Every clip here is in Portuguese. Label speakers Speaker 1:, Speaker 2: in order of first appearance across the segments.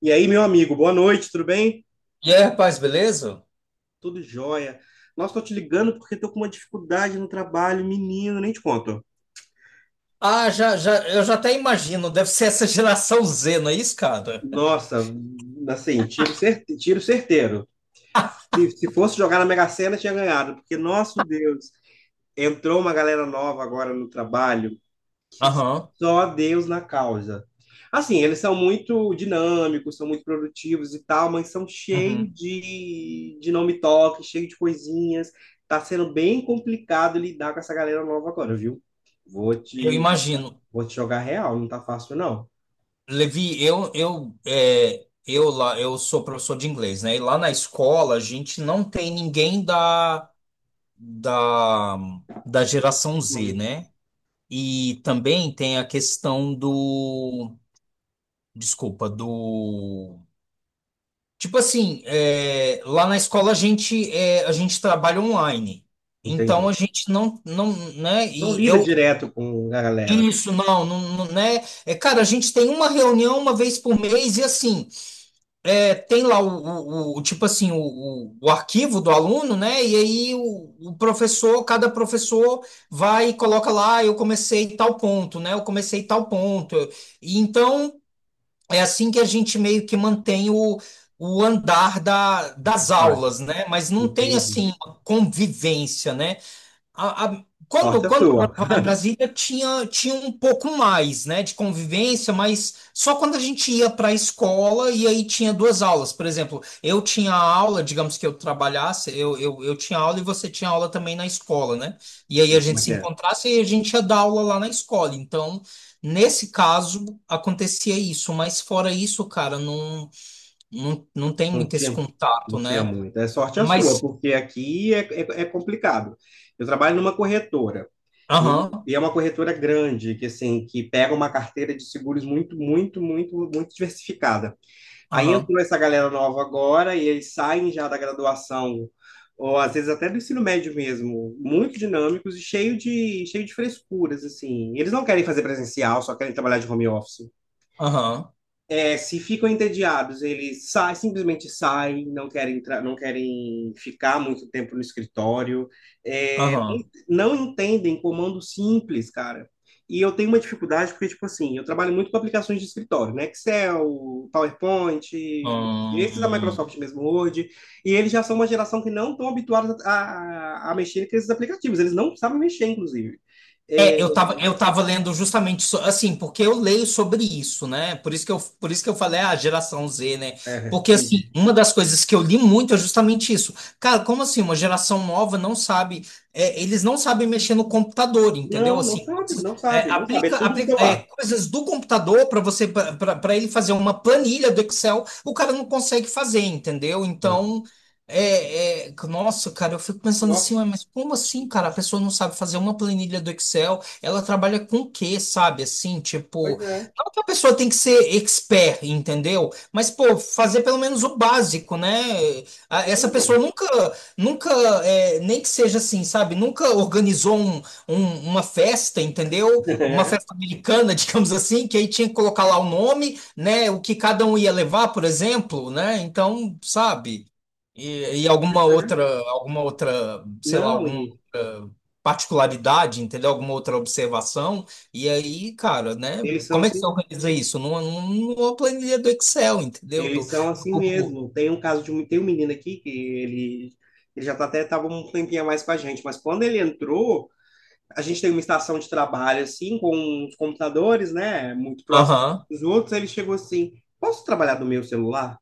Speaker 1: E aí, meu amigo, boa noite, tudo bem?
Speaker 2: E aí, rapaz, beleza?
Speaker 1: Tudo jóia. Nossa, tô te ligando porque tô com uma dificuldade no trabalho, menino, nem te conto.
Speaker 2: Ah, já, já, eu já até imagino, deve ser essa geração Z, não é isso, cara?
Speaker 1: Nossa, assim, tiro certeiro. Se fosse jogar na Mega Sena, tinha ganhado, porque, nosso Deus, entrou uma galera nova agora no trabalho. Que
Speaker 2: Aham.
Speaker 1: só Deus na causa. Assim, eles são muito dinâmicos, são muito produtivos e tal, mas são cheios
Speaker 2: Uhum.
Speaker 1: de nome toque, cheio de coisinhas. Tá sendo bem complicado lidar com essa galera nova agora, viu? Vou
Speaker 2: Eu
Speaker 1: te,
Speaker 2: imagino.
Speaker 1: vou te jogar real, não tá fácil, não.
Speaker 2: Levi, eu, é, eu lá, eu sou professor de inglês, né? E lá na escola a gente não tem ninguém da, da geração Z, né? E também tem a questão do, desculpa, do. Tipo assim, lá na escola a gente, a gente trabalha online. Então a
Speaker 1: Entendi.
Speaker 2: gente não, né?
Speaker 1: Não
Speaker 2: E
Speaker 1: lida
Speaker 2: eu
Speaker 1: direto com a galera
Speaker 2: isso não, né? É, cara, a gente tem uma reunião uma vez por mês e assim, tem lá tipo assim o arquivo do aluno, né? E aí o professor, cada professor vai e coloca lá, "Ah, eu comecei tal ponto, né? Eu comecei tal ponto." E então é assim que a gente meio que mantém o andar
Speaker 1: da
Speaker 2: das
Speaker 1: carruagem.
Speaker 2: aulas, né? Mas não tem
Speaker 1: Entendi.
Speaker 2: assim uma convivência, né? A- a- quando,
Speaker 1: Sorte a
Speaker 2: quando eu
Speaker 1: sua.
Speaker 2: morava lá em Brasília, tinha um pouco mais, né, de convivência, mas só quando a gente ia para a escola e aí tinha duas aulas. Por exemplo, eu tinha aula, digamos que eu trabalhasse, eu tinha aula e você tinha aula também na escola, né? E aí
Speaker 1: Sei
Speaker 2: a
Speaker 1: como
Speaker 2: gente
Speaker 1: é
Speaker 2: se
Speaker 1: que é.
Speaker 2: encontrasse e a gente ia dar aula lá na escola. Então, nesse caso, acontecia isso, mas fora isso, cara, não tem
Speaker 1: Não
Speaker 2: muito esse
Speaker 1: tinha,
Speaker 2: contato,
Speaker 1: não tinha
Speaker 2: né?
Speaker 1: muito. É sorte a sua,
Speaker 2: Mas,
Speaker 1: porque aqui é complicado. Eu trabalho numa corretora, e,
Speaker 2: aham,
Speaker 1: e é uma corretora grande, que assim, que pega uma carteira de seguros muito, muito, muito, muito diversificada. Aí
Speaker 2: aham,
Speaker 1: entrou essa galera nova agora, e eles saem já da graduação, ou às vezes até do ensino médio mesmo, muito dinâmicos e cheio de frescuras, assim. Eles não querem fazer presencial, só querem trabalhar de home office.
Speaker 2: aham,
Speaker 1: É, se ficam entediados, eles saem, simplesmente saem, não querem entrar, não querem ficar muito tempo no escritório, é,
Speaker 2: aham.
Speaker 1: não entendem comando simples, cara. E eu tenho uma dificuldade porque, tipo assim, eu trabalho muito com aplicações de escritório, né? Excel, PowerPoint, esses da
Speaker 2: Hum,
Speaker 1: Microsoft mesmo, Word, e eles já são uma geração que não estão habituados a mexer com esses aplicativos, eles não sabem mexer, inclusive. É,
Speaker 2: É, eu tava lendo justamente assim, porque eu leio sobre isso, né? Por isso que eu falei a, geração Z, né?
Speaker 1: É,
Speaker 2: Porque assim,
Speaker 1: entendi.
Speaker 2: uma das coisas que eu li muito é justamente isso. Cara, como assim uma geração nova não sabe, eles não sabem mexer no computador, entendeu?
Speaker 1: Não,
Speaker 2: Assim, coisas, é,
Speaker 1: não sabe, é
Speaker 2: aplica,
Speaker 1: tudo no
Speaker 2: aplica, é,
Speaker 1: celular.
Speaker 2: coisas do computador para você para ele fazer uma planilha do Excel, o cara não consegue fazer, entendeu? Então, nossa, cara, eu fico pensando
Speaker 1: Nossa,
Speaker 2: assim, "Ué, mas como assim, cara? A pessoa não sabe fazer uma planilha do Excel, ela trabalha com o quê, sabe?" Assim,
Speaker 1: pois
Speaker 2: tipo,
Speaker 1: é.
Speaker 2: não que a pessoa tem que ser expert, entendeu? Mas, pô, fazer pelo menos o básico, né? Essa
Speaker 1: Não.
Speaker 2: pessoa nunca, nunca, nem que seja assim, sabe? Nunca organizou uma festa, entendeu? Uma festa americana, digamos assim, que aí tinha que colocar lá o nome, né? O que cada um ia levar, por exemplo, né? Então, sabe? E sei lá,
Speaker 1: Não,
Speaker 2: alguma
Speaker 1: e
Speaker 2: outra particularidade, entendeu? Alguma outra observação. E aí, cara, né?
Speaker 1: eles são
Speaker 2: Como é que
Speaker 1: assim,
Speaker 2: você organiza isso? Numa planilha do Excel, entendeu? Do,
Speaker 1: eles são
Speaker 2: do
Speaker 1: assim
Speaker 2: Google.
Speaker 1: mesmo. Tem um caso de um, tem um menino aqui que ele já tá até estava um tempinho a mais com a gente, mas quando ele entrou, a gente tem uma estação de trabalho assim com os computadores, né, muito próximo
Speaker 2: Aham.
Speaker 1: dos outros, ele chegou assim: "Posso trabalhar do meu celular?"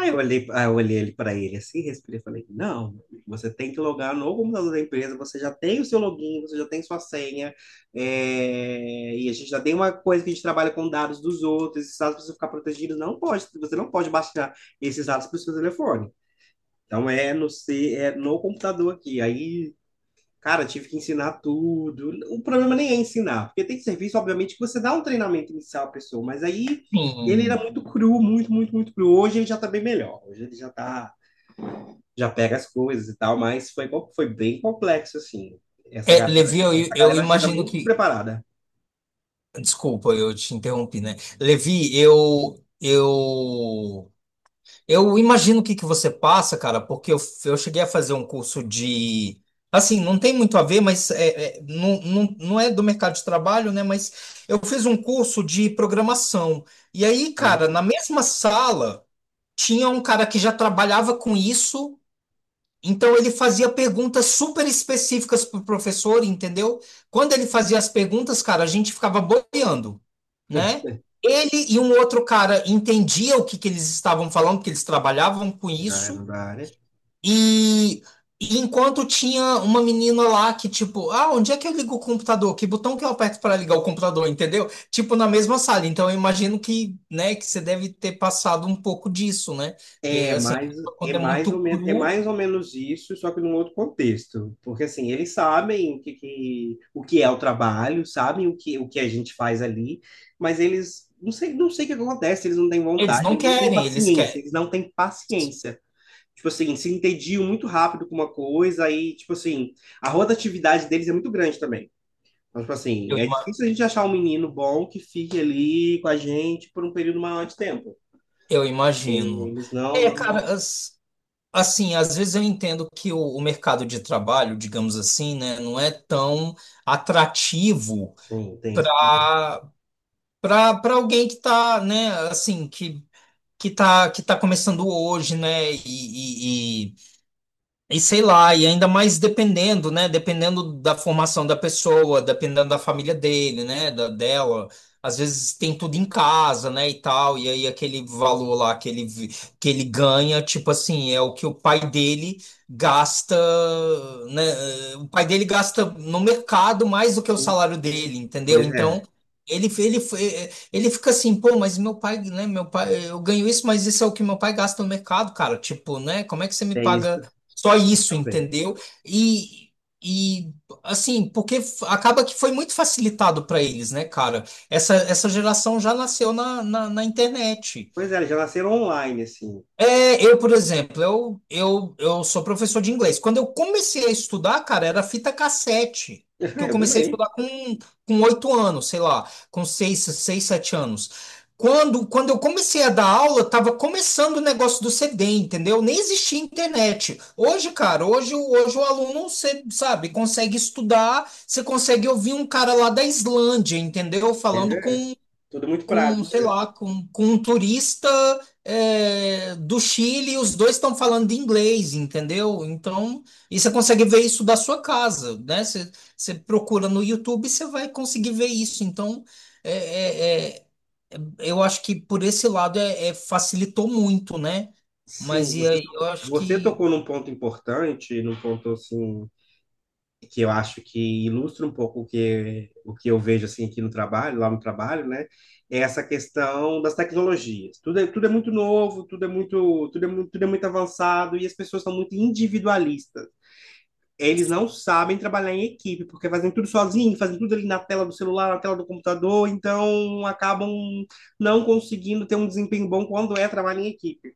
Speaker 1: Aí eu olhei ele para ele assim, respirei e falei, não, você tem que logar no computador da empresa, você já tem o seu login, você já tem sua senha, e a gente já tem uma coisa que a gente trabalha com dados dos outros, esses dados precisam ficar protegidos, você não pode baixar esses dados para o seu telefone. Então é no, se- é no computador aqui. Aí cara, tive que ensinar tudo. O problema nem é ensinar, porque tem serviço, obviamente, que você dá um treinamento inicial à pessoa, mas aí ele era
Speaker 2: Sim.
Speaker 1: muito cru, muito cru. Hoje ele já tá bem melhor. Hoje ele já tá, já pega as coisas e tal, mas foi, co- foi bem complexo, assim.
Speaker 2: É, Levi, eu,
Speaker 1: Essa
Speaker 2: eu
Speaker 1: galera chega
Speaker 2: imagino
Speaker 1: muito
Speaker 2: que.
Speaker 1: despreparada.
Speaker 2: Desculpa, eu te interrompi, né? Levi, Eu imagino o que que você passa, cara, porque eu cheguei a fazer um curso de. Assim, não tem muito a ver, mas não é do mercado de trabalho, né? Mas eu fiz um curso de programação. E aí,
Speaker 1: Ah, mas
Speaker 2: cara, na mesma sala, tinha um cara que já trabalhava com isso. Então ele fazia perguntas super específicas pro professor, entendeu? Quando ele fazia as perguntas, cara, a gente ficava boiando, né? Ele e um outro cara entendia o que que eles estavam falando, porque eles trabalhavam com
Speaker 1: já era
Speaker 2: isso.
Speaker 1: da área.
Speaker 2: E, e enquanto tinha uma menina lá que tipo, ah, onde é que eu ligo o computador? Que botão que eu aperto para ligar o computador, entendeu? Tipo na mesma sala. Então eu imagino que, né, que você deve ter passado um pouco disso, né? Porque
Speaker 1: É
Speaker 2: assim,
Speaker 1: mais, é
Speaker 2: quando é
Speaker 1: mais ou
Speaker 2: muito
Speaker 1: menos, é
Speaker 2: cru.
Speaker 1: mais ou menos isso, só que num outro contexto. Porque assim, eles sabem o que, que- o que é o trabalho, sabem o que a gente faz ali, mas eles não sei, não sei o que acontece, eles não têm
Speaker 2: Eles
Speaker 1: vontade,
Speaker 2: não querem, eles querem.
Speaker 1: eles não têm paciência. Tipo assim, se entediam muito rápido com uma coisa, aí, tipo assim, a rotatividade deles é muito grande também. Então, tipo
Speaker 2: Eu,
Speaker 1: assim, é
Speaker 2: ima-
Speaker 1: difícil a gente achar um menino bom que fique ali com a gente por um período maior de tempo.
Speaker 2: eu imagino.
Speaker 1: Eles não,
Speaker 2: É,
Speaker 1: não,
Speaker 2: cara, assim, às vezes eu entendo que o mercado de trabalho, digamos assim, né, não é tão atrativo
Speaker 1: sim, tem esse problema.
Speaker 2: para para alguém que tá, né, assim, que tá começando hoje, né, e sei lá, e ainda mais dependendo, né? Dependendo da formação da pessoa, dependendo da família dele, né? Da dela. Às vezes tem tudo em casa, né? E tal. E aí aquele valor lá que ele ganha, tipo assim, é o que o pai dele gasta, né? O pai dele gasta no mercado mais do que o
Speaker 1: Sim.
Speaker 2: salário dele, entendeu?
Speaker 1: Pois
Speaker 2: Então.
Speaker 1: é,
Speaker 2: Ele, ele, ele fica assim, pô, mas meu pai, né? Meu pai, eu ganho isso, mas isso é o que meu pai gasta no mercado, cara. Tipo, né? Como é que você me
Speaker 1: é isso
Speaker 2: paga? Só isso,
Speaker 1: também.
Speaker 2: entendeu? E, e assim, porque acaba que foi muito facilitado para eles, né, cara? Essa geração já nasceu na internet.
Speaker 1: Pois é, eles já nasceram online, assim.
Speaker 2: É, por exemplo, eu sou professor de inglês. Quando eu comecei a estudar, cara, era fita cassete. Que eu
Speaker 1: Eu
Speaker 2: comecei a
Speaker 1: também.
Speaker 2: estudar com 8 anos, sei lá, com seis, 7 anos. Quando eu comecei a dar aula, tava começando o negócio do CD, entendeu? Nem existia internet. Hoje, cara, hoje, hoje o aluno, você sabe, consegue estudar, você consegue ouvir um cara lá da Islândia, entendeu?
Speaker 1: Pois
Speaker 2: Falando
Speaker 1: é, tudo muito prático.
Speaker 2: sei lá, com um turista, do Chile, e os dois estão falando de inglês, entendeu? Então, e você consegue ver isso da sua casa, né? Você procura no YouTube, e você vai conseguir ver isso. Então, é, é- é- eu acho que por esse lado facilitou muito, né? Mas
Speaker 1: Sim,
Speaker 2: e
Speaker 1: você,
Speaker 2: aí, eu
Speaker 1: to-
Speaker 2: acho
Speaker 1: você
Speaker 2: que.
Speaker 1: tocou num ponto importante, num ponto, assim, que eu acho que ilustra um pouco o que eu vejo, assim, aqui no trabalho, lá no trabalho, né? É essa questão das tecnologias. Tudo é muito novo, tudo é muito, tudo é, mu- tudo é muito avançado e as pessoas são muito individualistas. Eles não sabem trabalhar em equipe, porque fazem tudo sozinho, fazem tudo ali na tela do celular, na tela do computador, então acabam não conseguindo ter um desempenho bom quando é trabalho em equipe.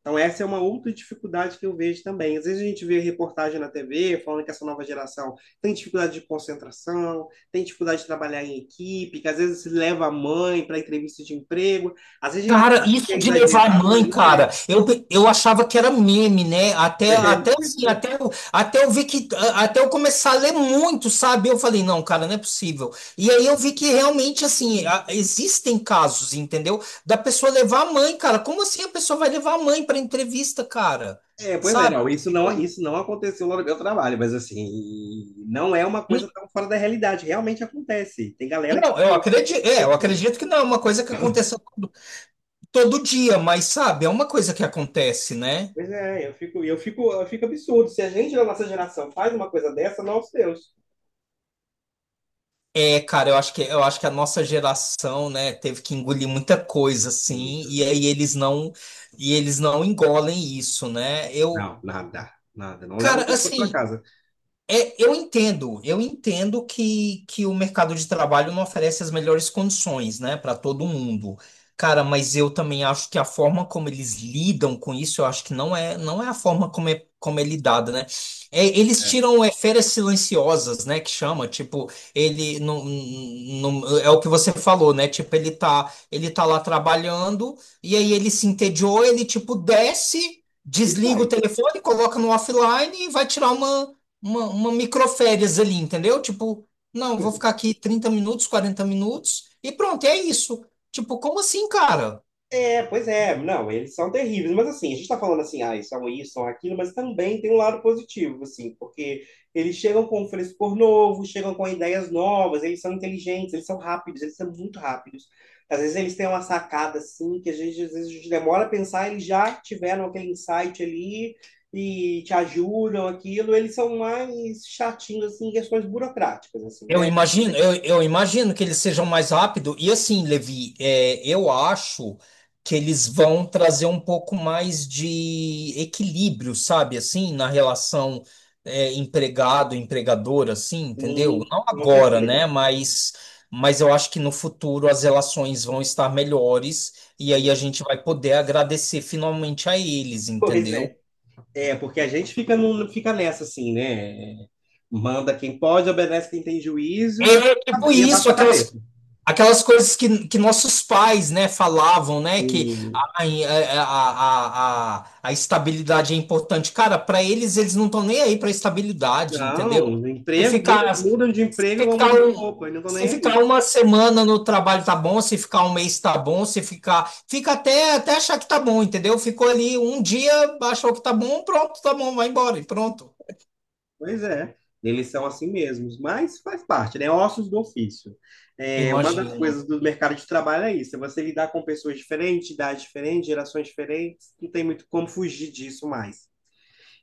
Speaker 1: Então essa é uma outra dificuldade que eu vejo também. Às vezes a gente vê reportagem na TV falando que essa nova geração tem dificuldade de concentração, tem dificuldade de trabalhar em equipe, que às vezes leva a mãe para entrevista de emprego. Às vezes a gente
Speaker 2: Cara,
Speaker 1: acha que
Speaker 2: isso
Speaker 1: é
Speaker 2: de levar
Speaker 1: exagerado,
Speaker 2: mãe,
Speaker 1: mas não é.
Speaker 2: cara, eu achava que era meme, né? Até, até assim, até, eu- até eu ver que, até eu começar a ler muito, sabe? Eu falei, não, cara, não é possível. E aí eu vi que realmente, assim, existem casos, entendeu? Da pessoa levar a mãe, cara. Como assim a pessoa vai levar a mãe para entrevista, cara?
Speaker 1: É, pois é,
Speaker 2: Sabe?
Speaker 1: não,
Speaker 2: Tipo,
Speaker 1: isso não aconteceu lá no meu trabalho, mas assim, não é uma
Speaker 2: n-
Speaker 1: coisa tão fora da realidade, realmente acontece. Tem galera que.
Speaker 2: não,
Speaker 1: Que-
Speaker 2: eu acredito que não é uma coisa que aconteceu todo dia, mas sabe, é uma coisa que acontece, né?
Speaker 1: Pois é, eu fico absurdo. Se a gente da nossa geração faz uma coisa dessa, nosso Deus.
Speaker 2: É, cara, eu acho que a nossa geração, né, teve que engolir muita coisa, assim,
Speaker 1: Muito.
Speaker 2: e aí eles não engolem isso, né? Eu,
Speaker 1: Não, nada, nada. Não leva o
Speaker 2: cara,
Speaker 1: telefone para
Speaker 2: assim.
Speaker 1: casa.
Speaker 2: É, eu entendo que o mercado de trabalho não oferece as melhores condições, né, para todo mundo. Cara, mas eu também acho que a forma como eles lidam com isso, eu acho que não é a forma como é lidada, né? É, eles
Speaker 1: É.
Speaker 2: tiram férias silenciosas, né, que chama, tipo, ele não, é o que você falou, né? Tipo, ele tá lá trabalhando e aí ele se entediou, ele tipo desce,
Speaker 1: E
Speaker 2: desliga o
Speaker 1: sai.
Speaker 2: telefone, coloca no offline e vai tirar uma uma microférias ali, entendeu? Tipo, não, vou ficar aqui 30 minutos, 40 minutos e pronto, é isso. Tipo, como assim, cara?
Speaker 1: É, pois é, não, eles são terríveis, mas assim, a gente tá falando assim, ah, são isso, são aquilo, mas também tem um lado positivo, assim, porque eles chegam com um frescor novo, chegam com ideias novas, eles são inteligentes, eles são rápidos, eles são muito rápidos. Às vezes eles têm uma sacada, assim, que a gente, às vezes a gente demora a pensar, eles já tiveram aquele insight ali e te ajudam, aquilo, eles são mais chatinhos, assim, em questões burocráticas, assim,
Speaker 2: Eu
Speaker 1: né?
Speaker 2: imagino, eu imagino que eles sejam mais rápido. E assim, Levi, eu acho que eles vão trazer um pouco mais de equilíbrio, sabe? Assim, na relação empregado-empregador, assim, entendeu?
Speaker 1: Sim,
Speaker 2: Não
Speaker 1: com
Speaker 2: agora, né?
Speaker 1: certeza,
Speaker 2: Mas eu acho que no futuro as relações vão estar melhores e aí a
Speaker 1: sim.
Speaker 2: gente vai poder agradecer finalmente a eles,
Speaker 1: Pois
Speaker 2: entendeu?
Speaker 1: é. É, porque a gente fica, num, fica nessa assim, né? Manda quem pode, obedece quem tem juízo e, a-
Speaker 2: É tipo
Speaker 1: e
Speaker 2: isso,
Speaker 1: abaixa a cabeça.
Speaker 2: aquelas coisas que nossos pais, né, falavam, né, que
Speaker 1: Sim.
Speaker 2: a estabilidade é importante. Cara, para eles, eles não estão nem aí para estabilidade, entendeu?
Speaker 1: Não, no
Speaker 2: Se
Speaker 1: emprego, muda,
Speaker 2: ficar,
Speaker 1: mudam de emprego igual
Speaker 2: ficar
Speaker 1: muda de
Speaker 2: um,
Speaker 1: roupa, e não estão
Speaker 2: se
Speaker 1: nem
Speaker 2: ficar
Speaker 1: aí.
Speaker 2: uma semana no trabalho tá bom, se ficar um mês tá bom, se ficar, fica até achar que tá bom, entendeu? Ficou ali um dia, achou que tá bom, pronto, tá bom, vai embora e pronto.
Speaker 1: Pois é, eles são assim mesmos, mas faz parte, né? Ossos do ofício. É, uma das
Speaker 2: Imagino,
Speaker 1: coisas do mercado de trabalho é isso, é você lidar com pessoas diferentes, idades diferentes, gerações diferentes, não tem muito como fugir disso mais.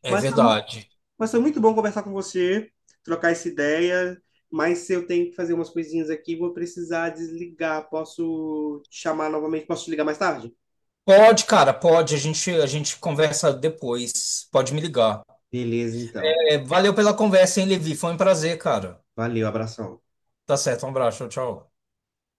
Speaker 2: é
Speaker 1: Mas
Speaker 2: verdade.
Speaker 1: Mas foi muito bom conversar com você, trocar essa ideia. Mas se eu tenho que fazer umas coisinhas aqui, vou precisar desligar. Posso te chamar novamente? Posso te ligar mais tarde?
Speaker 2: Pode, cara, pode. A gente conversa depois. Pode me ligar.
Speaker 1: Beleza, então.
Speaker 2: É, valeu pela conversa, hein, Levi? Foi um prazer, cara.
Speaker 1: Valeu, abração.
Speaker 2: Tá certo, um abraço, tchau. Tchau.